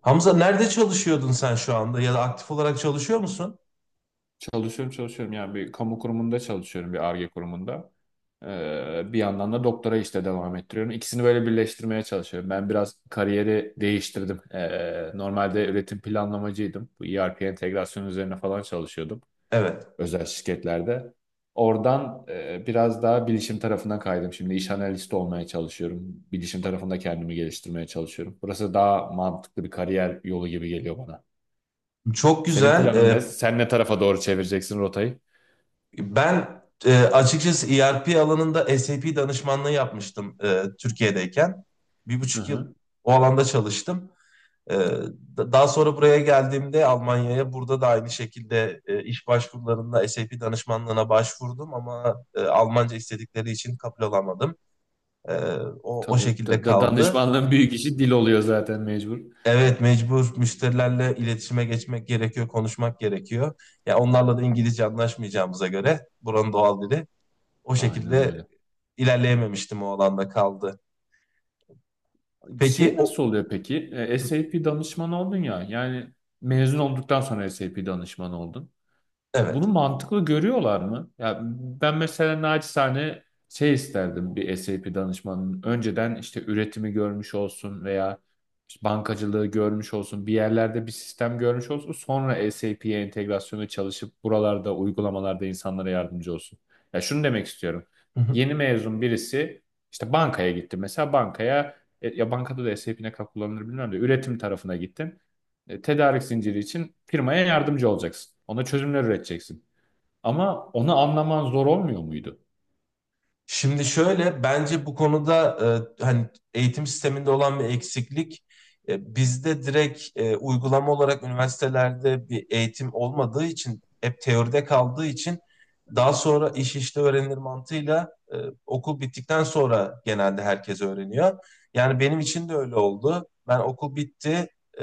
Hamza nerede çalışıyordun sen şu anda ya da aktif olarak çalışıyor musun? Çalışıyorum çalışıyorum yani bir kamu kurumunda çalışıyorum bir Ar-Ge kurumunda. Bir yandan da doktora işte devam ettiriyorum. İkisini böyle birleştirmeye çalışıyorum. Ben biraz kariyeri değiştirdim. Normalde üretim planlamacıydım. Bu ERP entegrasyon üzerine falan çalışıyordum Evet. özel şirketlerde. Oradan biraz daha bilişim tarafına kaydım. Şimdi iş analisti olmaya çalışıyorum. Bilişim tarafında kendimi geliştirmeye çalışıyorum. Burası daha mantıklı bir kariyer yolu gibi geliyor bana. Çok Senin güzel. planın ne? Ee, Sen ne tarafa doğru çevireceksin rotayı? ben açıkçası ERP alanında SAP danışmanlığı yapmıştım Türkiye'deyken. Bir Hı buçuk yıl hı. o alanda çalıştım. Ee, daha sonra buraya geldiğimde Almanya'ya burada da aynı şekilde iş başvurularında SAP danışmanlığına başvurdum ama Almanca istedikleri için kabul olamadım. Ee, o Tabii şekilde kaldı. danışmanlığın büyük işi dil oluyor zaten mecbur. Evet, mecbur müşterilerle iletişime geçmek gerekiyor, konuşmak gerekiyor. Ya onlarla da İngilizce anlaşmayacağımıza göre buranın doğal dili o Aynen şekilde öyle. ilerleyememiştim, o alanda kaldı. Peki Şey nasıl o oluyor peki? SAP danışmanı oldun ya. Yani mezun olduktan sonra SAP danışmanı oldun. Bunu Evet. mantıklı görüyorlar mı? Ya ben mesela naçizane şey isterdim bir SAP danışmanının. Önceden işte üretimi görmüş olsun veya işte bankacılığı görmüş olsun, bir yerlerde bir sistem görmüş olsun. Sonra SAP'ye entegrasyonu çalışıp buralarda uygulamalarda insanlara yardımcı olsun. Ya şunu demek istiyorum. Yeni mezun birisi işte bankaya gitti. Mesela bankaya ya bankada da SAP ne kadar kullanılır bilmiyorum da üretim tarafına gittin. Tedarik zinciri için firmaya yardımcı olacaksın. Ona çözümler üreteceksin. Ama onu anlaman zor olmuyor muydu? Şimdi şöyle bence bu konuda hani eğitim sisteminde olan bir eksiklik, bizde direkt uygulama olarak üniversitelerde bir eğitim olmadığı için hep teoride kaldığı için daha sonra iş işte öğrenilir mantığıyla okul bittikten sonra genelde herkes öğreniyor. Yani benim için de öyle oldu. Ben okul bitti. e,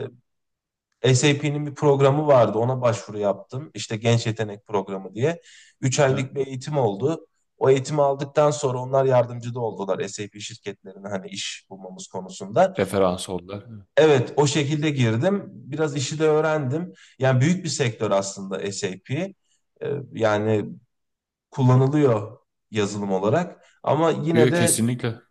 SAP'nin bir programı vardı. Ona başvuru yaptım. İşte genç yetenek programı diye. üç Aha. aylık bir eğitim oldu. O eğitimi aldıktan sonra onlar yardımcı da oldular SAP şirketlerine hani iş bulmamız konusunda. Referans oldular. Evet, o şekilde girdim. Biraz işi de öğrendim. Yani büyük bir sektör aslında SAP. Yani kullanılıyor yazılım olarak. Ama yine Diyor de kesinlikle.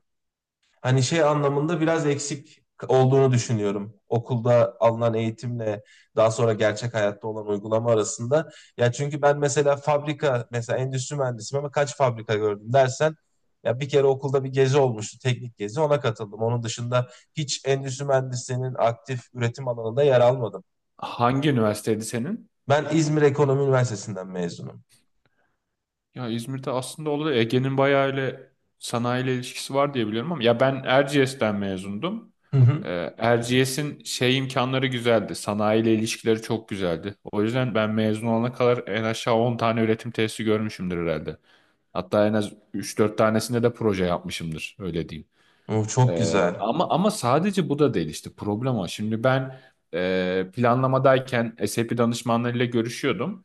hani şey anlamında biraz eksik olduğunu düşünüyorum. Okulda alınan eğitimle daha sonra gerçek hayatta olan uygulama arasında. Ya çünkü ben mesela fabrika, mesela endüstri mühendisiyim ama kaç fabrika gördüm dersen ya bir kere okulda bir gezi olmuştu, teknik gezi, ona katıldım. Onun dışında hiç endüstri mühendisliğinin aktif üretim alanında yer almadım. Hangi üniversiteydi senin? Ben İzmir Ekonomi Üniversitesi'nden mezunum. Ya İzmir'de aslında oldu. Ege'nin bayağı ile sanayiyle ilişkisi var diye biliyorum ama ya ben Erciyes'ten mezundum. Hı hı. Erciyes'in şey imkanları güzeldi. Sanayiyle ilişkileri çok güzeldi. O yüzden ben mezun olana kadar en aşağı 10 tane üretim tesisi görmüşümdür herhalde. Hatta en az üç dört tanesinde de proje yapmışımdır. Öyle diyeyim. O çok güzel. Ama sadece bu da değil işte problem o. Şimdi ben planlamadayken SAP danışmanlarıyla görüşüyordum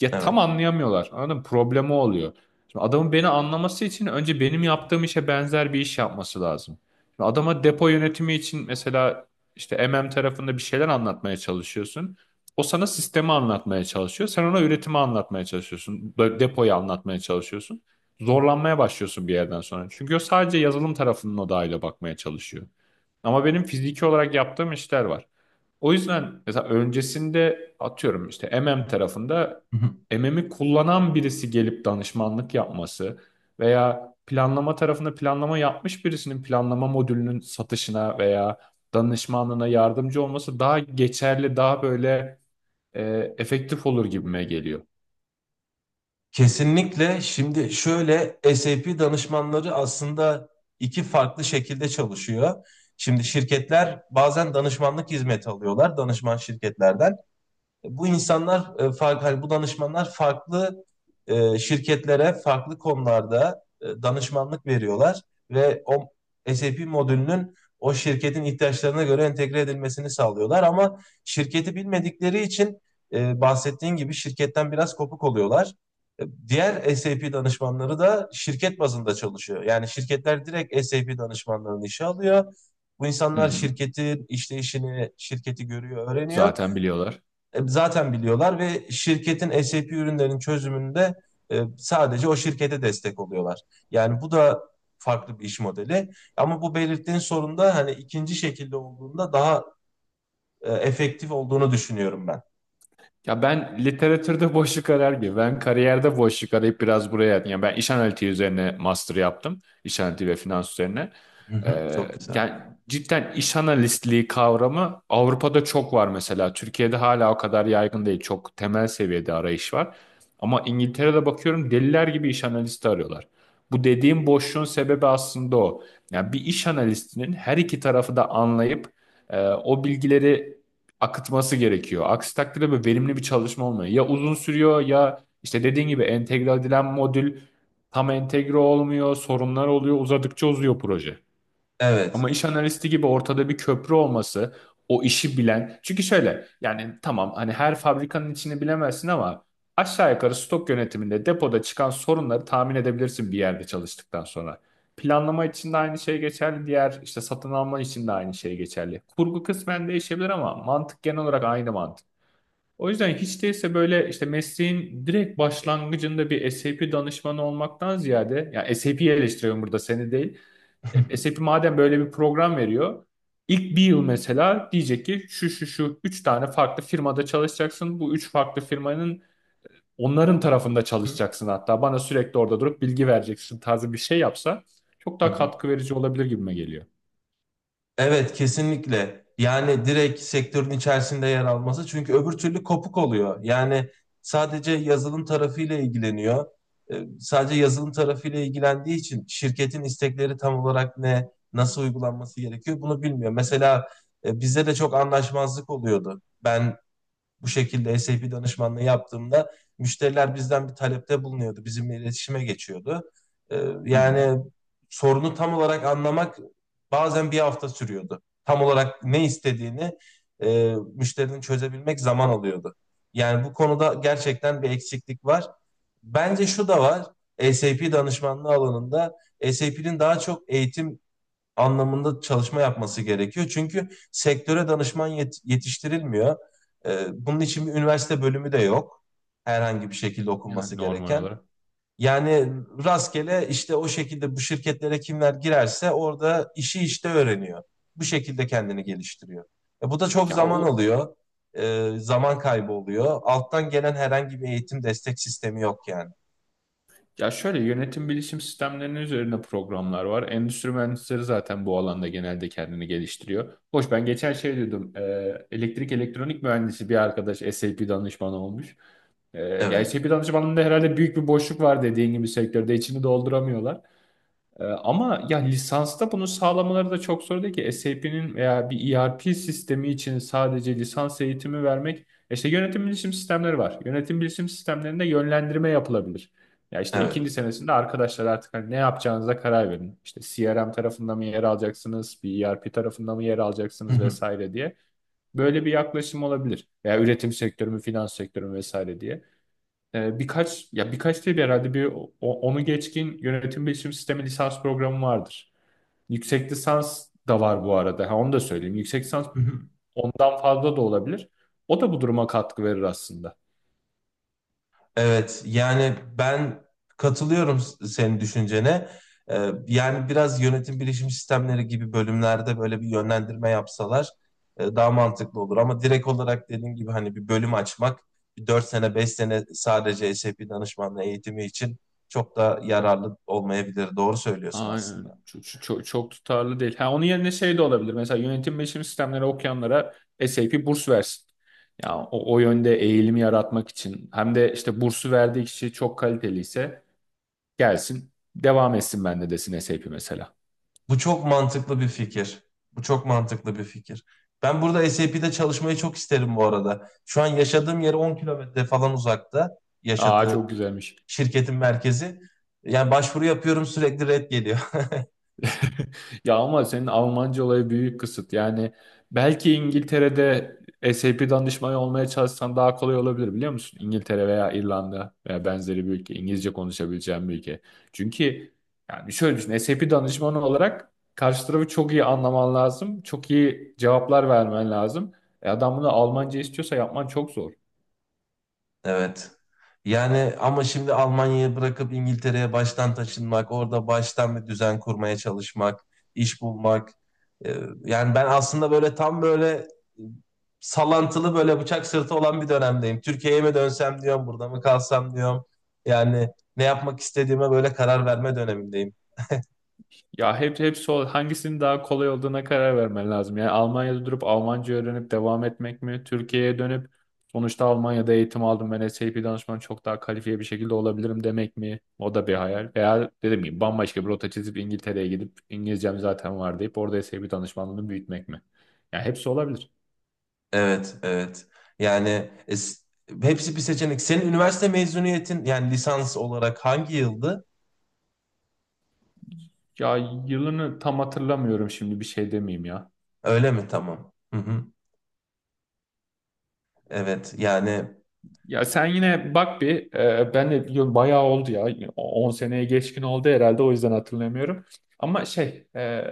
ya tam Evet. anlayamıyorlar. Anladın mı? Problemi oluyor. Şimdi adamın beni anlaması için önce benim yaptığım işe benzer bir iş yapması lazım. Şimdi adama depo yönetimi için mesela işte MM tarafında bir şeyler anlatmaya çalışıyorsun. O sana sistemi anlatmaya çalışıyor. Sen ona üretimi anlatmaya çalışıyorsun. Böyle depoyu anlatmaya çalışıyorsun. Zorlanmaya başlıyorsun bir yerden sonra. Çünkü o sadece yazılım tarafının odağıyla bakmaya çalışıyor. Ama benim fiziki olarak yaptığım işler var. O yüzden mesela öncesinde atıyorum işte MM tarafında Hı hı. MM'i kullanan birisi gelip danışmanlık yapması veya planlama tarafında planlama yapmış birisinin planlama modülünün satışına veya danışmanlığına yardımcı olması daha geçerli, daha böyle efektif olur gibime geliyor. Kesinlikle. Şimdi şöyle SAP danışmanları aslında iki farklı şekilde çalışıyor. Şimdi şirketler bazen danışmanlık hizmeti alıyorlar danışman şirketlerden, bu insanlar farklı, hani bu danışmanlar farklı şirketlere farklı konularda danışmanlık veriyorlar ve o SAP modülünün o şirketin ihtiyaçlarına göre entegre edilmesini sağlıyorlar, ama şirketi bilmedikleri için bahsettiğin gibi şirketten biraz kopuk oluyorlar. Diğer SAP danışmanları da şirket bazında çalışıyor. Yani şirketler direkt SAP danışmanlarını işe alıyor. Bu Hı insanlar hı. şirketin işleyişini, şirketi görüyor, öğreniyor, Zaten biliyorlar. Zaten biliyorlar ve şirketin SAP ürünlerinin çözümünde sadece o şirkete destek oluyorlar. Yani bu da farklı bir iş modeli. Ama bu belirttiğin sorun da hani ikinci şekilde olduğunda daha efektif olduğunu düşünüyorum ben. Ya ben literatürde boşluk arar gibi. Ben kariyerde boşluk arayıp biraz buraya... Yani ben iş analitiği üzerine master yaptım. İş analitiği ve finans üzerine. Hı hı, Ee, çok güzel. yani cidden iş analistliği kavramı Avrupa'da çok var mesela. Türkiye'de hala o kadar yaygın değil. Çok temel seviyede arayış var. Ama İngiltere'de bakıyorum deliler gibi iş analisti arıyorlar. Bu dediğim boşluğun sebebi aslında o. Yani bir iş analistinin her iki tarafı da anlayıp o bilgileri akıtması gerekiyor. Aksi takdirde böyle verimli bir çalışma olmuyor. Ya uzun sürüyor ya işte dediğin gibi entegre edilen modül tam entegre olmuyor, sorunlar oluyor, uzadıkça uzuyor proje. Ama Evet. iş analisti gibi ortada bir köprü olması, o işi bilen. Çünkü şöyle yani tamam hani her fabrikanın içini bilemezsin ama aşağı yukarı stok yönetiminde depoda çıkan sorunları tahmin edebilirsin bir yerde çalıştıktan sonra. Planlama için de aynı şey geçerli, diğer işte satın alma için de aynı şey geçerli. Kurgu kısmen değişebilir ama mantık genel olarak aynı mantık. O yüzden hiç değilse böyle işte mesleğin direkt başlangıcında bir SAP danışmanı olmaktan ziyade, yani SAP'yi eleştiriyorum burada seni değil. SAP madem böyle bir program veriyor, ilk bir yıl mesela diyecek ki şu şu şu üç tane farklı firmada çalışacaksın. Bu üç farklı firmanın onların tarafında çalışacaksın hatta. Bana sürekli orada durup bilgi vereceksin tarzı bir şey yapsa çok Hı daha hı. katkı verici olabilir gibime geliyor. Evet, kesinlikle. Yani direkt sektörün içerisinde yer alması. Çünkü öbür türlü kopuk oluyor. Yani sadece yazılım tarafıyla ilgileniyor. Sadece yazılım tarafıyla ilgilendiği için şirketin istekleri tam olarak ne, nasıl uygulanması gerekiyor bunu bilmiyor. Mesela bizde de çok anlaşmazlık oluyordu. Ben bu şekilde SAP danışmanlığı yaptığımda müşteriler bizden bir talepte bulunuyordu. Bizimle iletişime geçiyordu. Ee, Hı hı. yani sorunu tam olarak anlamak bazen bir hafta sürüyordu. Tam olarak ne istediğini, müşterinin çözebilmek zaman alıyordu. Yani bu konuda gerçekten bir eksiklik var. Bence şu da var. SAP danışmanlığı alanında SAP'nin daha çok eğitim anlamında çalışma yapması gerekiyor. Çünkü sektöre danışman yetiştirilmiyor. Bunun için bir üniversite bölümü de yok. Herhangi bir şekilde okunması Yani normal gereken. olarak. Yani rastgele işte o şekilde bu şirketlere kimler girerse orada işi işte öğreniyor. Bu şekilde kendini geliştiriyor. Bu da çok Ya zaman o alıyor. Zaman kaybı oluyor. Alttan gelen herhangi bir eğitim destek sistemi yok yani. Ya şöyle yönetim bilişim sistemlerinin üzerine programlar var. Endüstri mühendisleri zaten bu alanda genelde kendini geliştiriyor. Hoş ben geçen şey dedim. Elektrik elektronik mühendisi bir arkadaş SAP danışmanı olmuş. Ya Evet, SAP danışmanlığında herhalde büyük bir boşluk var dediğin gibi sektörde içini dolduramıyorlar. Ama ya lisansta bunu sağlamaları da çok zor değil ki. SAP'nin veya bir ERP sistemi için sadece lisans eğitimi vermek. İşte yönetim bilişim sistemleri var. Yönetim bilişim sistemlerinde yönlendirme yapılabilir. Ya işte evet. ikinci senesinde arkadaşlar artık hani ne yapacağınıza karar verin. İşte CRM tarafında mı yer alacaksınız, bir ERP tarafında mı yer alacaksınız vesaire diye. Böyle bir yaklaşım olabilir. Veya üretim sektörü mü, finans sektörü mü vesaire diye birkaç ya birkaç değil herhalde bir onu geçkin yönetim bilişim sistemi lisans programı vardır. Yüksek lisans da var bu arada. Ha, onu da söyleyeyim. Yüksek lisans ondan fazla da olabilir. O da bu duruma katkı verir aslında. Evet, yani ben katılıyorum senin düşüncene. Yani biraz yönetim bilişim sistemleri gibi bölümlerde böyle bir yönlendirme yapsalar daha mantıklı olur. Ama direkt olarak dediğim gibi hani bir bölüm açmak, bir 4 sene 5 sene sadece SAP danışmanlığı eğitimi için çok da yararlı olmayabilir. Doğru söylüyorsun Aynen öyle. aslında. Çok, çok, çok tutarlı değil. Ha, onun yerine şey de olabilir. Mesela yönetim bilişim sistemleri okuyanlara SAP burs versin. Ya o, o yönde eğilimi yaratmak için hem de işte bursu verdiği kişi çok kaliteliyse gelsin devam etsin bende desin SAP mesela. Bu çok mantıklı bir fikir. Bu çok mantıklı bir fikir. Ben burada SAP'de çalışmayı çok isterim bu arada. Şu an yaşadığım yere 10 kilometre falan uzakta Aa yaşadığı çok güzelmiş. şirketin merkezi. Yani başvuru yapıyorum, sürekli red geliyor. Ya ama senin Almanca olayı büyük kısıt. Yani belki İngiltere'de SAP danışmanı olmaya çalışsan daha kolay olabilir biliyor musun? İngiltere veya İrlanda veya benzeri bir ülke. İngilizce konuşabileceğin bir ülke. Çünkü yani şöyle düşün. SAP danışmanı olarak karşı tarafı çok iyi anlaman lazım. Çok iyi cevaplar vermen lazım. E adam bunu Almanca istiyorsa yapman çok zor. Evet. Yani ama şimdi Almanya'yı bırakıp İngiltere'ye baştan taşınmak, orada baştan bir düzen kurmaya çalışmak, iş bulmak. Ee, Yani ben aslında böyle tam böyle salantılı, böyle bıçak sırtı olan bir dönemdeyim. Türkiye'ye mi dönsem diyorum, burada mı kalsam diyorum. Yani ne yapmak istediğime böyle karar verme dönemindeyim. Ya hepsi hangisinin daha kolay olduğuna karar vermen lazım. Yani Almanya'da durup Almanca öğrenip devam etmek mi? Türkiye'ye dönüp sonuçta Almanya'da eğitim aldım ben SAP danışmanı çok daha kalifiye bir şekilde olabilirim demek mi? O da bir hayal. Veya dediğim gibi bambaşka bir rota çizip İngiltere'ye gidip İngilizcem zaten var deyip orada SAP danışmanlığını büyütmek mi? Ya hepsi olabilir. Evet, evet. Yani hepsi bir seçenek. Senin üniversite mezuniyetin, yani lisans olarak hangi yıldı? Ya yılını tam hatırlamıyorum şimdi bir şey demeyeyim ya. Öyle mi? Tamam. Hı hı. Evet. Yani Ya sen yine bak bir ben de biliyorum bayağı oldu ya 10 seneye geçkin oldu herhalde o yüzden hatırlamıyorum. Ama şey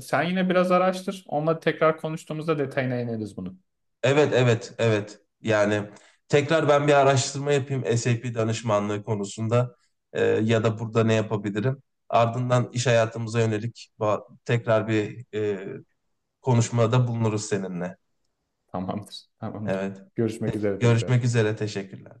sen yine biraz araştır onunla tekrar konuştuğumuzda detayına ineriz bunu. evet, evet, evet. Yani tekrar ben bir araştırma yapayım SAP danışmanlığı konusunda. Ya da burada ne yapabilirim? Ardından iş hayatımıza yönelik tekrar bir konuşmada bulunuruz seninle. Tamamdır tamamdır. Evet. Görüşmek üzere tekrar. Görüşmek üzere. Teşekkürler.